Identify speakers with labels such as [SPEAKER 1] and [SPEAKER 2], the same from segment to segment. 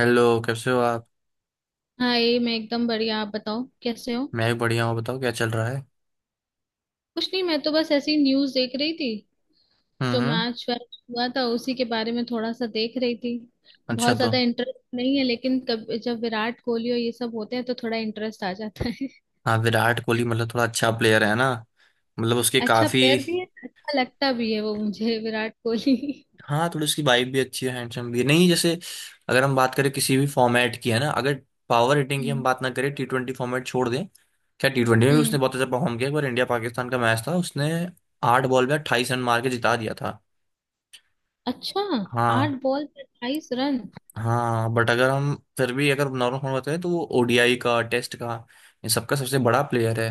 [SPEAKER 1] Hello, कैसे हो आप।
[SPEAKER 2] हाँ ये मैं एकदम बढ़िया। आप बताओ कैसे हो।
[SPEAKER 1] मैं भी बढ़िया हूँ, बताओ क्या चल रहा है।
[SPEAKER 2] कुछ नहीं, मैं तो बस ऐसी न्यूज देख रही थी।
[SPEAKER 1] हम्म,
[SPEAKER 2] जो
[SPEAKER 1] हम्म।
[SPEAKER 2] मैच वैच हुआ था उसी के बारे में थोड़ा सा देख रही थी।
[SPEAKER 1] अच्छा।
[SPEAKER 2] बहुत
[SPEAKER 1] तो
[SPEAKER 2] ज्यादा इंटरेस्ट नहीं है, लेकिन कब जब विराट कोहली और ये सब होते हैं तो थोड़ा इंटरेस्ट आ जाता है।
[SPEAKER 1] हाँ, विराट कोहली मतलब थोड़ा अच्छा प्लेयर है ना। मतलब उसके
[SPEAKER 2] अच्छा
[SPEAKER 1] काफी।
[SPEAKER 2] प्लेयर भी है, अच्छा लगता भी है वो मुझे, विराट कोहली।
[SPEAKER 1] हाँ, थोड़ी उसकी वाइफ भी अच्छी है, हैंडसम भी है। नहीं, जैसे अगर हम बात करें किसी भी फॉर्मेट की, है ना? अगर पावर हिटिंग की हम
[SPEAKER 2] हम्म।
[SPEAKER 1] बात ना करें, टी ट्वेंटी फॉर्मेट छोड़ दें, क्या टी ट्वेंटी में भी
[SPEAKER 2] हम्म।
[SPEAKER 1] उसने बहुत अच्छा परफॉर्म किया। एक बार इंडिया पाकिस्तान का मैच था, उसने 8 बॉल में 28 रन मार के जिता दिया था।
[SPEAKER 2] अच्छा,
[SPEAKER 1] हाँ।
[SPEAKER 2] 8 बॉल पे 28 रन।
[SPEAKER 1] हाँ, बट अगर हम फिर भी अगर नॉर्मल फॉर्म बताएं तो वो ओडीआई का, टेस्ट का, इन सबका सबसे बड़ा प्लेयर है।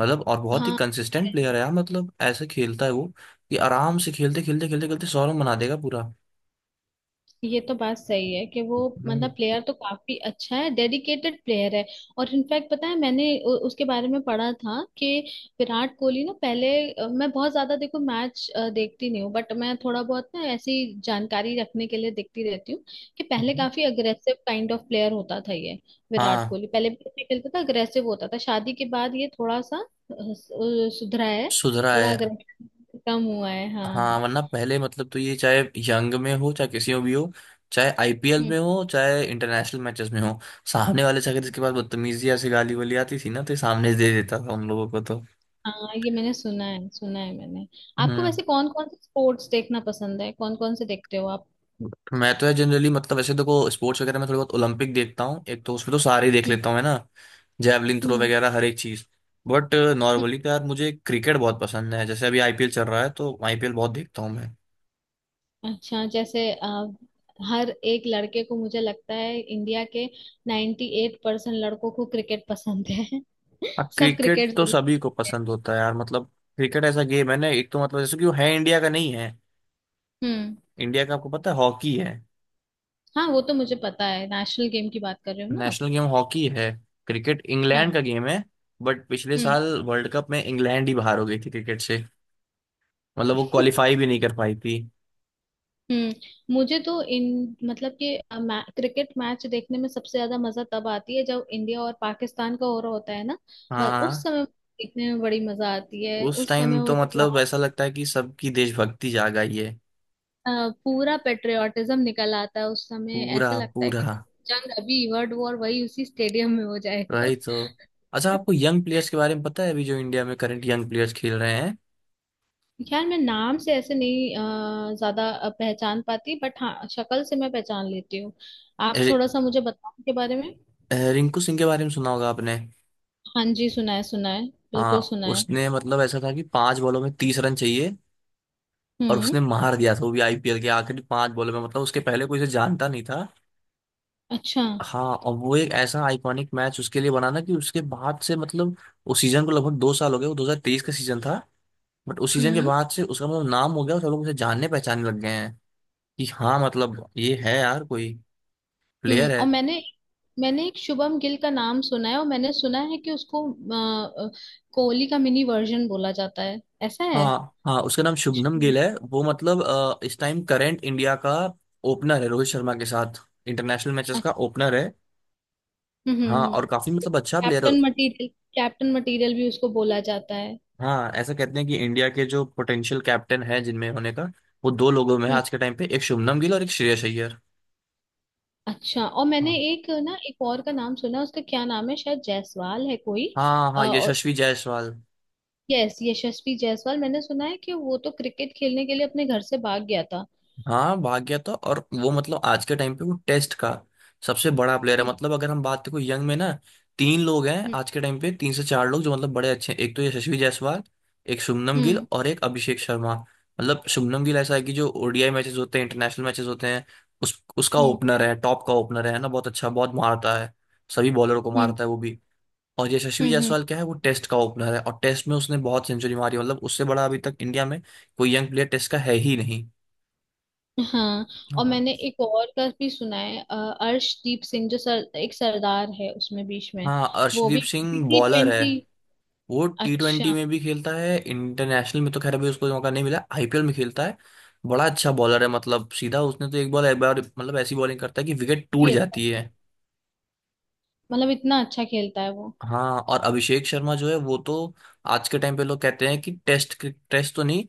[SPEAKER 1] मतलब और बहुत ही
[SPEAKER 2] हाँ
[SPEAKER 1] कंसिस्टेंट प्लेयर है यार। मतलब ऐसे खेलता है वो कि आराम से खेलते खेलते खेलते खेलते 100 रन बना देगा पूरा।
[SPEAKER 2] ये तो बात सही है कि वो, मतलब
[SPEAKER 1] हम्म।
[SPEAKER 2] प्लेयर तो काफी अच्छा है, डेडिकेटेड प्लेयर है। और इनफैक्ट पता है मैंने उसके बारे में पढ़ा था कि विराट कोहली ना पहले मैं बहुत ज्यादा देखो मैच देखती नहीं हूँ, बट मैं थोड़ा बहुत ना ऐसी जानकारी रखने के लिए देखती रहती हूँ कि पहले
[SPEAKER 1] हम्म।
[SPEAKER 2] काफी अग्रेसिव काइंड ऑफ प्लेयर होता था ये विराट
[SPEAKER 1] हाँ,
[SPEAKER 2] कोहली। पहले भी ऐसे खेलता था, अग्रेसिव होता था। शादी के बाद ये थोड़ा सा सुधरा है।
[SPEAKER 1] सुधरा
[SPEAKER 2] थोड़ा
[SPEAKER 1] है।
[SPEAKER 2] अग्रेसिव कम हुआ है।
[SPEAKER 1] हाँ,
[SPEAKER 2] हाँ।
[SPEAKER 1] वरना पहले मतलब तो ये चाहे यंग में हो, चाहे किसी में भी हो, चाहे आईपीएल में हो, चाहे इंटरनेशनल मैचेस में हो, सामने वाले से अगर इसके पास बदतमीजी या से गाली वाली आती थी ना तो ये सामने से दे देता था उन लोगों को तो।
[SPEAKER 2] हाँ ये मैंने सुना है, सुना है मैंने। आपको
[SPEAKER 1] हम्म।
[SPEAKER 2] वैसे कौन कौन से स्पोर्ट्स देखना पसंद है? कौन कौन से देखते हो आप?
[SPEAKER 1] मैं तो जनरली मतलब वैसे देखो स्पोर्ट्स वगैरह में थोड़ी बहुत ओलंपिक देखता हूँ। एक तो उसमें तो सारे ही देख
[SPEAKER 2] हम्म।
[SPEAKER 1] लेता हूँ, है ना? जैवलिन थ्रो
[SPEAKER 2] हम्म,
[SPEAKER 1] वगैरह हर एक चीज। बट
[SPEAKER 2] हम्म।
[SPEAKER 1] नॉर्मली तो यार मुझे क्रिकेट बहुत पसंद है। जैसे अभी आईपीएल चल रहा है तो आईपीएल बहुत देखता हूँ मैं।
[SPEAKER 2] अच्छा, जैसे हर एक लड़के को मुझे लगता है, इंडिया के 98% एट परसेंट लड़कों को क्रिकेट पसंद है।
[SPEAKER 1] हाँ,
[SPEAKER 2] सब
[SPEAKER 1] क्रिकेट
[SPEAKER 2] क्रिकेट
[SPEAKER 1] तो
[SPEAKER 2] जरूर
[SPEAKER 1] सभी को
[SPEAKER 2] खेलते हैं।
[SPEAKER 1] पसंद होता है यार मतलब। क्रिकेट ऐसा गेम है ना, एक तो मतलब जैसे कि वो है, इंडिया का नहीं है।
[SPEAKER 2] हम्म।
[SPEAKER 1] इंडिया का आपको पता है हॉकी है।
[SPEAKER 2] हाँ वो तो मुझे पता है, नेशनल गेम की बात कर रहे हो ना आप।
[SPEAKER 1] नेशनल गेम हॉकी है। क्रिकेट इंग्लैंड
[SPEAKER 2] हाँ।
[SPEAKER 1] का गेम है। बट पिछले
[SPEAKER 2] हम्म।
[SPEAKER 1] साल वर्ल्ड कप में इंग्लैंड ही बाहर हो गई थी क्रिकेट से। मतलब वो क्वालिफाई भी नहीं कर पाई थी।
[SPEAKER 2] हम्म, मुझे तो इन, मतलब कि क्रिकेट मैच देखने में सबसे ज्यादा मजा तब आती है जब इंडिया और पाकिस्तान का हो रहा होता है ना। बस उस
[SPEAKER 1] हाँ,
[SPEAKER 2] समय देखने में बड़ी मजा आती है
[SPEAKER 1] उस
[SPEAKER 2] उस समय,
[SPEAKER 1] टाइम
[SPEAKER 2] वो
[SPEAKER 1] तो
[SPEAKER 2] जो
[SPEAKER 1] मतलब
[SPEAKER 2] लास्ट
[SPEAKER 1] ऐसा लगता है कि सबकी देशभक्ति जाग आई है।
[SPEAKER 2] पूरा पेट्रियोटिज्म निकल आता है उस समय,
[SPEAKER 1] पूरा।
[SPEAKER 2] ऐसा लगता है कि
[SPEAKER 1] पूरा।
[SPEAKER 2] जंग, अभी वर्ल्ड वॉर वही उसी स्टेडियम में हो जाएगा।
[SPEAKER 1] राइट। तो अच्छा, आपको यंग प्लेयर्स के बारे में पता है अभी जो इंडिया में करंट यंग प्लेयर्स खेल रहे हैं?
[SPEAKER 2] यार मैं नाम से ऐसे नहीं ज्यादा पहचान पाती, बट हाँ शक्ल से मैं पहचान लेती हूँ। आप
[SPEAKER 1] ए-
[SPEAKER 2] थोड़ा सा मुझे बताओ के बारे में।
[SPEAKER 1] रिंकू सिंह के बारे में सुना होगा आपने।
[SPEAKER 2] हाँ जी, सुना है, सुना है। बिल्कुल
[SPEAKER 1] हाँ,
[SPEAKER 2] सुना है।
[SPEAKER 1] उसने मतलब ऐसा था कि 5 बॉलों में 30 रन चाहिए और
[SPEAKER 2] हम्म।
[SPEAKER 1] उसने मार दिया था, वो भी आईपीएल के आखिरी 5 बॉलों में। मतलब उसके पहले कोई उसे जानता नहीं था।
[SPEAKER 2] अच्छा।
[SPEAKER 1] हाँ, और वो एक ऐसा आइकॉनिक मैच उसके लिए बना ना, कि उसके बाद से मतलब उस सीजन को लगभग 2 साल हो गए, वो 2023 का सीजन था। बट उस सीजन के
[SPEAKER 2] हम्म।
[SPEAKER 1] बाद से उसका मतलब नाम हो गया और सब लोग उसे जानने पहचानने लग गए हैं कि हाँ मतलब ये है यार कोई
[SPEAKER 2] हम्म।
[SPEAKER 1] प्लेयर है।
[SPEAKER 2] और मैंने मैंने एक शुभम गिल का नाम सुना है, और मैंने सुना है कि उसको कोहली का मिनी वर्जन बोला जाता है। ऐसा है?
[SPEAKER 1] हाँ। हाँ, उसका नाम शुभनम गिल है।
[SPEAKER 2] शुभम-
[SPEAKER 1] वो मतलब इस टाइम करंट इंडिया का ओपनर है रोहित शर्मा के साथ। इंटरनेशनल मैचेस
[SPEAKER 2] अ-
[SPEAKER 1] का ओपनर है।
[SPEAKER 2] हम्म।
[SPEAKER 1] हाँ,
[SPEAKER 2] हम्म,
[SPEAKER 1] और काफी मतलब अच्छा प्लेयर है।
[SPEAKER 2] Captain material. कैप्टन मटेरियल भी उसको बोला जाता है।
[SPEAKER 1] हाँ, ऐसा कहते हैं कि इंडिया के जो पोटेंशियल कैप्टन है जिनमें होने का, वो 2 लोगों में है
[SPEAKER 2] हम्म।
[SPEAKER 1] आज के टाइम पे, एक शुभनम गिल और एक श्रेयस अय्यर।
[SPEAKER 2] अच्छा, और मैंने
[SPEAKER 1] हाँ।
[SPEAKER 2] एक ना एक और का नाम सुना, उसका क्या नाम है, शायद जायसवाल है कोई,
[SPEAKER 1] हाँ, हाँ,
[SPEAKER 2] और
[SPEAKER 1] यशस्वी जायसवाल।
[SPEAKER 2] यस यशस्वी जायसवाल। मैंने सुना है कि वो तो क्रिकेट खेलने के लिए अपने घर से भाग गया था।
[SPEAKER 1] हाँ, भाग गया था। और वो मतलब आज के टाइम पे वो टेस्ट का सबसे बड़ा प्लेयर है।
[SPEAKER 2] हम्म।
[SPEAKER 1] मतलब अगर हम बात करें यंग में ना, 3 लोग हैं आज के टाइम पे, 3 से 4 लोग जो मतलब बड़े अच्छे हैं। एक तो यशस्वी जायसवाल, एक शुभमन गिल
[SPEAKER 2] हम्म।
[SPEAKER 1] और एक अभिषेक शर्मा। मतलब शुभमन गिल ऐसा है कि जो ओडीआई मैचेस होते हैं, इंटरनेशनल मैचेस होते हैं, उस उसका
[SPEAKER 2] हम्म।
[SPEAKER 1] ओपनर है, टॉप का ओपनर है ना। बहुत अच्छा, बहुत मारता है, सभी बॉलर को
[SPEAKER 2] हम्म।
[SPEAKER 1] मारता है वो भी। और यशस्वी
[SPEAKER 2] हम्म।
[SPEAKER 1] जायसवाल क्या है, वो टेस्ट का ओपनर है और टेस्ट में उसने बहुत सेंचुरी मारी। मतलब उससे बड़ा अभी तक इंडिया में कोई यंग प्लेयर टेस्ट का है ही नहीं।
[SPEAKER 2] हाँ और
[SPEAKER 1] हाँ।
[SPEAKER 2] मैंने एक और का भी सुना है, अर्शदीप सिंह, जो सर, एक सरदार है उसमें बीच में।
[SPEAKER 1] हाँ,
[SPEAKER 2] वो
[SPEAKER 1] अर्शदीप
[SPEAKER 2] भी
[SPEAKER 1] सिंह
[SPEAKER 2] टी
[SPEAKER 1] बॉलर है।
[SPEAKER 2] ट्वेंटी।
[SPEAKER 1] वो टी ट्वेंटी
[SPEAKER 2] अच्छा।
[SPEAKER 1] में भी खेलता है, इंटरनेशनल में तो खैर अभी उसको मौका नहीं मिला, आईपीएल में खेलता है। बड़ा अच्छा बॉलर है। मतलब सीधा उसने तो एक बॉल एक बार मतलब ऐसी बॉलिंग करता है कि विकेट टूट
[SPEAKER 2] काफी अच्छा,
[SPEAKER 1] जाती है।
[SPEAKER 2] मतलब इतना अच्छा खेलता है वो।
[SPEAKER 1] हाँ, और अभिषेक शर्मा जो है, वो तो आज के टाइम पे लोग कहते हैं कि टेस्ट, टेस्ट तो नहीं,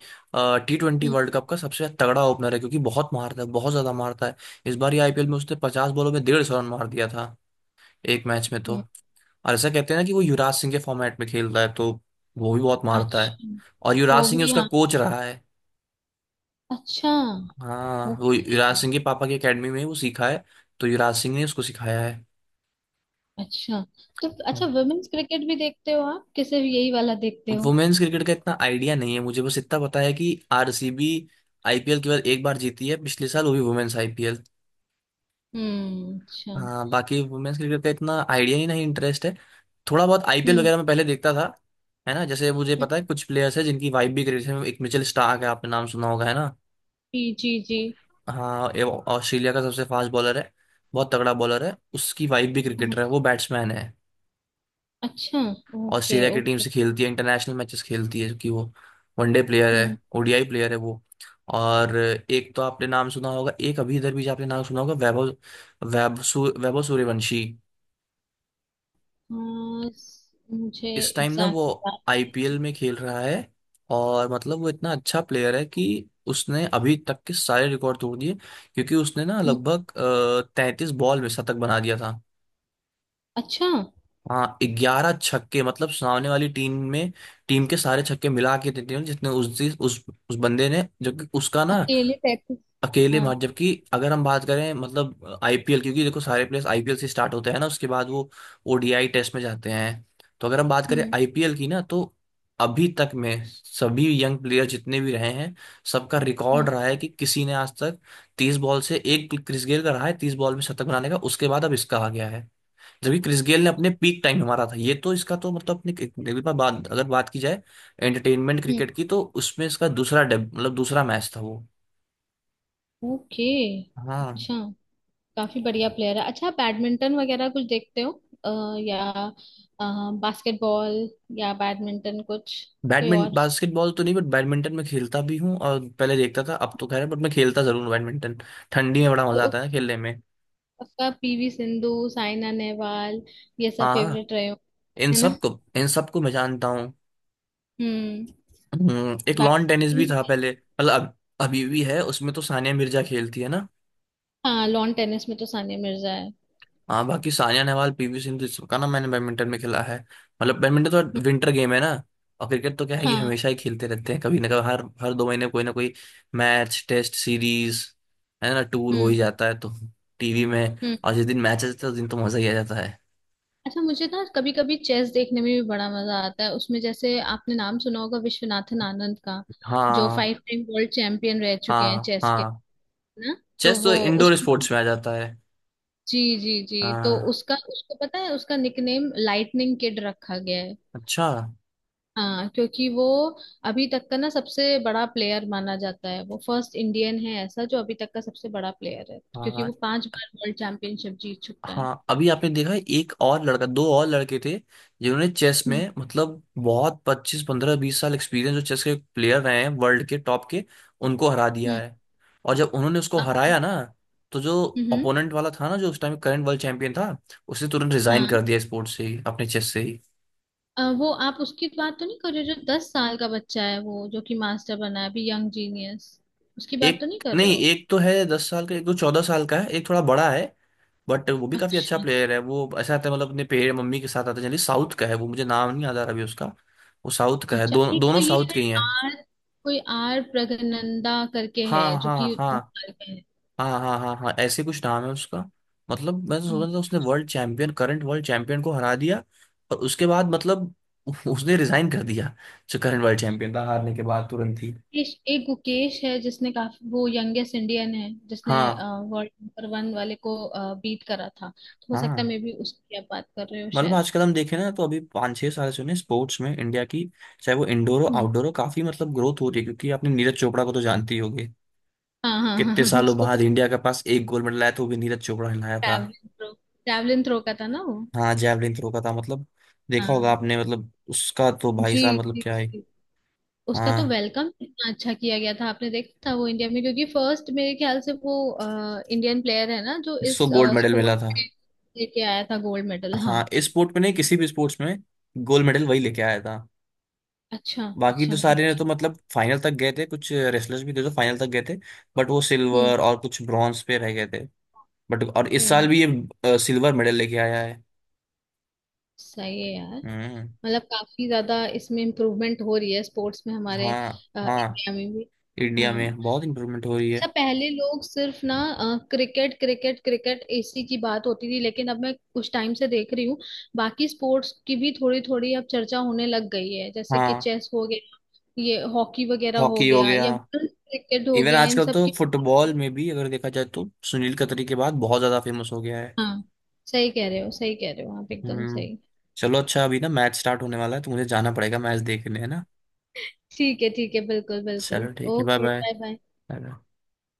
[SPEAKER 1] टी ट्वेंटी
[SPEAKER 2] हम्म।
[SPEAKER 1] वर्ल्ड कप का सबसे तगड़ा ओपनर है क्योंकि बहुत मारता है, बहुत ज्यादा मारता है। इस बार ये आईपीएल में उसने 50 बॉलों में 150 रन मार दिया था एक मैच में तो।
[SPEAKER 2] हम्म।
[SPEAKER 1] और ऐसा कहते हैं ना कि वो युवराज सिंह के फॉर्मेट में खेल रहा है, तो वो भी बहुत मारता है।
[SPEAKER 2] अच्छा,
[SPEAKER 1] और युवराज
[SPEAKER 2] वो
[SPEAKER 1] सिंह ही
[SPEAKER 2] भी।
[SPEAKER 1] उसका
[SPEAKER 2] हाँ।
[SPEAKER 1] कोच रहा है।
[SPEAKER 2] अच्छा,
[SPEAKER 1] हाँ, वो युवराज
[SPEAKER 2] ओके।
[SPEAKER 1] सिंह के पापा की अकेडमी में ही वो सीखा है। तो युवराज सिंह ने उसको सिखाया है।
[SPEAKER 2] अच्छा, तो अच्छा वुमेन्स क्रिकेट भी देखते हो आप, कि सिर्फ यही वाला देखते हो?
[SPEAKER 1] वुमेन्स क्रिकेट का इतना आइडिया नहीं है मुझे। बस इतना पता है कि आरसीबी आईपीएल केवल एक बार जीती है पिछले साल, वो भी वुमेन्स आईपीएल।
[SPEAKER 2] हम्म। अच्छा। हम्म,
[SPEAKER 1] हाँ, बाकी वुमेन्स क्रिकेट का इतना आइडिया ही नहीं, इंटरेस्ट है थोड़ा बहुत, आईपीएल वगैरह में पहले देखता था। है ना, जैसे मुझे
[SPEAKER 2] हम्म,
[SPEAKER 1] पता है कुछ प्लेयर्स हैं जिनकी वाइफ भी क्रिकेट में, एक मिचेल स्टार्क है, आपने नाम सुना होगा, है ना?
[SPEAKER 2] जी जी जी।
[SPEAKER 1] हाँ, ये ऑस्ट्रेलिया का सबसे फास्ट बॉलर है। बहुत तगड़ा बॉलर है, उसकी वाइफ भी
[SPEAKER 2] हम्म।
[SPEAKER 1] क्रिकेटर है, वो बैट्समैन है।
[SPEAKER 2] अच्छा, ओके
[SPEAKER 1] ऑस्ट्रेलिया की टीम से
[SPEAKER 2] ओके।
[SPEAKER 1] खेलती है, इंटरनेशनल मैचेस खेलती है। क्योंकि वो वनडे प्लेयर है,
[SPEAKER 2] हम्म,
[SPEAKER 1] ओडीआई प्लेयर है वो। और एक तो आपने नाम सुना होगा, एक अभी इधर भी आपने नाम सुना होगा, वैभव, वैभव सूर्यवंशी।
[SPEAKER 2] मुझे
[SPEAKER 1] इस टाइम ना वो
[SPEAKER 2] एग्जैक्टली याद
[SPEAKER 1] आईपीएल में खेल रहा है। और मतलब वो इतना अच्छा प्लेयर है कि उसने अभी तक के सारे रिकॉर्ड तोड़ दिए क्योंकि उसने ना
[SPEAKER 2] है। हम्म।
[SPEAKER 1] लगभग 33 बॉल में शतक बना दिया था।
[SPEAKER 2] अच्छा,
[SPEAKER 1] हाँ, 11 छक्के। मतलब सामने वाली टीम में, टीम के सारे छक्के मिला के देते हैं जितने, उस दिन- उस बंदे ने, जबकि उसका ना
[SPEAKER 2] अकेले 33।
[SPEAKER 1] अकेले
[SPEAKER 2] हाँ।
[SPEAKER 1] मार। जबकि अगर हम बात करें मतलब आईपीएल, क्योंकि देखो सारे प्लेयर्स आईपीएल से स्टार्ट होते हैं ना, उसके बाद वो ओडीआई टेस्ट में जाते हैं। तो अगर हम बात करें
[SPEAKER 2] हम्म।
[SPEAKER 1] आईपीएल की ना, तो अभी तक में सभी यंग प्लेयर जितने भी रहे हैं, सबका रिकॉर्ड
[SPEAKER 2] हम्म।
[SPEAKER 1] रहा है कि किसी ने आज तक 30 बॉल से, एक क्रिस गेल का रहा है 30 बॉल में शतक बनाने का, उसके बाद अब इसका आ गया है। जबकि क्रिस गेल ने अपने पीक टाइम में मारा था, ये तो इसका तो मतलब अपने एक बार बात अगर बात की जाए एंटरटेनमेंट
[SPEAKER 2] हम्म।
[SPEAKER 1] क्रिकेट की, तो उसमें इसका मतलब दूसरा मैच था वो।
[SPEAKER 2] ओके।
[SPEAKER 1] हाँ।
[SPEAKER 2] अच्छा, काफी बढ़िया प्लेयर है। अच्छा, बैडमिंटन वगैरह कुछ देखते हो? या बास्केटबॉल, या बैडमिंटन कुछ? कोई और?
[SPEAKER 1] बैडमिंटन बास्केटबॉल तो नहीं, बट बैडमिंटन में खेलता भी हूँ और पहले देखता था, अब तो खैर, बट मैं खेलता जरूर हूँ बैडमिंटन। ठंडी में बड़ा
[SPEAKER 2] तो
[SPEAKER 1] मजा आता है खेलने में।
[SPEAKER 2] आपका पीवी सिंधु, साइना नेहवाल, ये सब
[SPEAKER 1] हाँ। हाँ,
[SPEAKER 2] फेवरेट रहे हो,
[SPEAKER 1] इन
[SPEAKER 2] है ना?
[SPEAKER 1] सबको, इन सबको मैं जानता हूँ।
[SPEAKER 2] हम्म।
[SPEAKER 1] हम्म। एक लॉन टेनिस भी था
[SPEAKER 2] बैडमिंटन।
[SPEAKER 1] पहले, मतलब अब अभी भी है, उसमें तो सानिया मिर्जा खेलती है ना।
[SPEAKER 2] हाँ, लॉन टेनिस में तो सानिया मिर्जा है।
[SPEAKER 1] हाँ, बाकी सानिया नेहवाल, पीवी सिंधु, सबका ना मैंने बैडमिंटन में खेला है। मतलब बैडमिंटन तो
[SPEAKER 2] हम्म।
[SPEAKER 1] विंटर गेम है ना। और क्रिकेट तो क्या है कि
[SPEAKER 2] हाँ।
[SPEAKER 1] हमेशा ही खेलते रहते हैं कभी ना कभी, हर हर 2 महीने कोई ना कोई मैच, टेस्ट सीरीज, है ना, टूर हो ही
[SPEAKER 2] हम्म।
[SPEAKER 1] जाता है, तो टीवी में।
[SPEAKER 2] हम्म।
[SPEAKER 1] और जिस दिन मैच आता है उस दिन तो मजा ही आ जाता है।
[SPEAKER 2] अच्छा, मुझे ना कभी कभी चेस देखने में भी बड़ा मजा आता है, उसमें जैसे आपने नाम सुना होगा विश्वनाथन आनंद का, जो
[SPEAKER 1] हाँ।
[SPEAKER 2] 5 टाइम वर्ल्ड चैंपियन रह चुके हैं
[SPEAKER 1] हाँ।
[SPEAKER 2] चेस के,
[SPEAKER 1] हाँ,
[SPEAKER 2] है ना? तो
[SPEAKER 1] चेस तो
[SPEAKER 2] वो,
[SPEAKER 1] इंडोर
[SPEAKER 2] उसको
[SPEAKER 1] स्पोर्ट्स
[SPEAKER 2] पता,
[SPEAKER 1] में आ जाता है।
[SPEAKER 2] जी जी जी। तो
[SPEAKER 1] हाँ।
[SPEAKER 2] उसका, उसको पता है उसका निकनेम लाइटनिंग किड रखा गया है।
[SPEAKER 1] अच्छा।
[SPEAKER 2] हाँ, क्योंकि वो अभी तक का ना सबसे बड़ा प्लेयर माना जाता है, वो फर्स्ट इंडियन है ऐसा, जो अभी तक का सबसे बड़ा प्लेयर है, क्योंकि
[SPEAKER 1] हाँ,
[SPEAKER 2] वो पांच बार वर्ल्ड चैंपियनशिप जीत चुका है।
[SPEAKER 1] हाँ, अभी आपने देखा एक और लड़का, दो और लड़के थे जिन्होंने चेस
[SPEAKER 2] हम्म।
[SPEAKER 1] में मतलब बहुत पच्चीस पंद्रह बीस साल एक्सपीरियंस जो चेस के प्लेयर रहे हैं वर्ल्ड के टॉप के, उनको हरा दिया
[SPEAKER 2] हम्म।
[SPEAKER 1] है। और जब उन्होंने उसको
[SPEAKER 2] हाँ।
[SPEAKER 1] हराया ना, तो जो
[SPEAKER 2] हम्म।
[SPEAKER 1] ओपोनेंट वाला था ना जो उस टाइम करंट वर्ल्ड चैंपियन था, उसने तुरंत रिजाइन
[SPEAKER 2] हाँ,
[SPEAKER 1] कर दिया स्पोर्ट्स से ही, अपने चेस से ही।
[SPEAKER 2] वो आप उसकी बात तो नहीं कर रहे हो, जो 10 साल का बच्चा है, वो जो कि मास्टर बना है अभी, यंग जीनियस? उसकी बात
[SPEAKER 1] एक,
[SPEAKER 2] तो नहीं कर रहे
[SPEAKER 1] नहीं,
[SPEAKER 2] हो?
[SPEAKER 1] एक तो है 10 साल का, एक तो 14 साल का है, एक थोड़ा बड़ा है। बट वो भी काफी अच्छा
[SPEAKER 2] अच्छा,
[SPEAKER 1] प्लेयर है। वो ऐसा आता है मतलब अपने पेड़ मम्मी के साथ आता है जनरली, साउथ का है वो। मुझे नाम नहीं याद आ रहा अभी उसका। वो साउथ का है,
[SPEAKER 2] अच्छा। एक
[SPEAKER 1] दोनों
[SPEAKER 2] तो ये
[SPEAKER 1] साउथ
[SPEAKER 2] है,
[SPEAKER 1] के ही हैं।
[SPEAKER 2] आर, कोई आर प्रगनंदा करके है
[SPEAKER 1] हाँ,
[SPEAKER 2] जो
[SPEAKER 1] हाँ,
[SPEAKER 2] कि दस
[SPEAKER 1] हाँ,
[SPEAKER 2] साल का है।
[SPEAKER 1] हाँ, हाँ, हाँ, हाँ, ऐसे कुछ नाम है उसका। मतलब मैं तो सोच
[SPEAKER 2] हम्म।
[SPEAKER 1] रहा था उसने world champion, current world champion को हरा दिया और उसके बाद मतलब उसने रिजाइन कर दिया, जो करंट वर्ल्ड चैंपियन था हारने के बाद तुरंत ही।
[SPEAKER 2] एक गुकेश है जिसने काफी, वो यंगेस्ट इंडियन है जिसने
[SPEAKER 1] हाँ।
[SPEAKER 2] वर्ल्ड नंबर वन वाले को बीट करा था, तो हो सकता है
[SPEAKER 1] हाँ,
[SPEAKER 2] मे बी उसकी आप बात कर रहे हो
[SPEAKER 1] मतलब
[SPEAKER 2] शायद।
[SPEAKER 1] आजकल हम देखें ना तो अभी पाँच छह साल से उन्हें स्पोर्ट्स में इंडिया की चाहे वो इंडोर हो
[SPEAKER 2] हम्म।
[SPEAKER 1] आउटडोर हो, काफी मतलब ग्रोथ हो रही है। क्योंकि आपने नीरज चोपड़ा को तो जानती होगी,
[SPEAKER 2] हाँ हाँ हाँ
[SPEAKER 1] कितने
[SPEAKER 2] हाँ,
[SPEAKER 1] सालों
[SPEAKER 2] उसको
[SPEAKER 1] बाद इंडिया के पास एक गोल्ड मेडल आया था, वो भी नीरज चोपड़ा ने लाया था।
[SPEAKER 2] ट्रैवलिंग थ्रो, ट्रैवलिंग थ्रो का था ना वो?
[SPEAKER 1] हाँ, जैवलिन थ्रो का था। मतलब देखा होगा
[SPEAKER 2] हाँ।
[SPEAKER 1] आपने, मतलब उसका तो भाई साहब
[SPEAKER 2] जी
[SPEAKER 1] मतलब
[SPEAKER 2] जी
[SPEAKER 1] क्या है।
[SPEAKER 2] जी। उसका तो
[SPEAKER 1] हाँ,
[SPEAKER 2] वेलकम इतना अच्छा किया गया था, आपने देखा था वो इंडिया में, क्योंकि फर्स्ट मेरे ख्याल से वो इंडियन प्लेयर है ना, जो
[SPEAKER 1] जिसको
[SPEAKER 2] इस
[SPEAKER 1] गोल्ड मेडल मिला
[SPEAKER 2] स्पोर्ट
[SPEAKER 1] था।
[SPEAKER 2] में लेके आया था गोल्ड मेडल। हाँ।
[SPEAKER 1] हाँ, इस स्पोर्ट में नहीं, किसी भी स्पोर्ट्स में गोल्ड मेडल वही लेके आया था।
[SPEAKER 2] अच्छा,
[SPEAKER 1] बाकी
[SPEAKER 2] अच्छा,
[SPEAKER 1] तो सारे ने तो
[SPEAKER 2] ओके।
[SPEAKER 1] मतलब फाइनल तक गए थे, कुछ रेसलर्स भी थे जो फाइनल तक गए थे, बट वो
[SPEAKER 2] हम्म।
[SPEAKER 1] सिल्वर और कुछ ब्रॉन्ज पे रह गए थे। बट और इस साल
[SPEAKER 2] हम्म।
[SPEAKER 1] भी ये सिल्वर मेडल लेके आया है।
[SPEAKER 2] सही है यार।
[SPEAKER 1] हम्म।
[SPEAKER 2] मतलब काफी ज्यादा इसमें इम्प्रूवमेंट हो रही है स्पोर्ट्स में हमारे,
[SPEAKER 1] हाँ। हाँ,
[SPEAKER 2] इंडिया में भी।
[SPEAKER 1] इंडिया
[SPEAKER 2] हाँ।
[SPEAKER 1] में बहुत इम्प्रूवमेंट हो रही है।
[SPEAKER 2] अच्छा, पहले लोग सिर्फ ना क्रिकेट क्रिकेट क्रिकेट इसी की बात होती थी, लेकिन अब मैं कुछ टाइम से देख रही हूँ बाकी स्पोर्ट्स की भी थोड़ी थोड़ी अब चर्चा होने लग गई है, जैसे कि
[SPEAKER 1] हाँ,
[SPEAKER 2] चेस हो गया, ये हॉकी वगैरह हो
[SPEAKER 1] हॉकी हो
[SPEAKER 2] गया,
[SPEAKER 1] गया।
[SPEAKER 2] या क्रिकेट हो
[SPEAKER 1] इवन
[SPEAKER 2] गया, इन
[SPEAKER 1] आजकल
[SPEAKER 2] सब
[SPEAKER 1] तो
[SPEAKER 2] की।
[SPEAKER 1] फुटबॉल में भी अगर देखा जाए तो सुनील कतरी के बाद बहुत ज्यादा फेमस हो गया है।
[SPEAKER 2] हाँ, सही कह रहे हो, सही कह रहे हो आप, एकदम
[SPEAKER 1] हम्म।
[SPEAKER 2] सही।
[SPEAKER 1] चलो अच्छा, अभी ना मैच स्टार्ट होने वाला है तो मुझे जाना पड़ेगा मैच देखने, है ना।
[SPEAKER 2] ठीक है ठीक है, बिल्कुल बिल्कुल।
[SPEAKER 1] चलो ठीक है, bye.
[SPEAKER 2] Okay, bye bye.
[SPEAKER 1] Bye.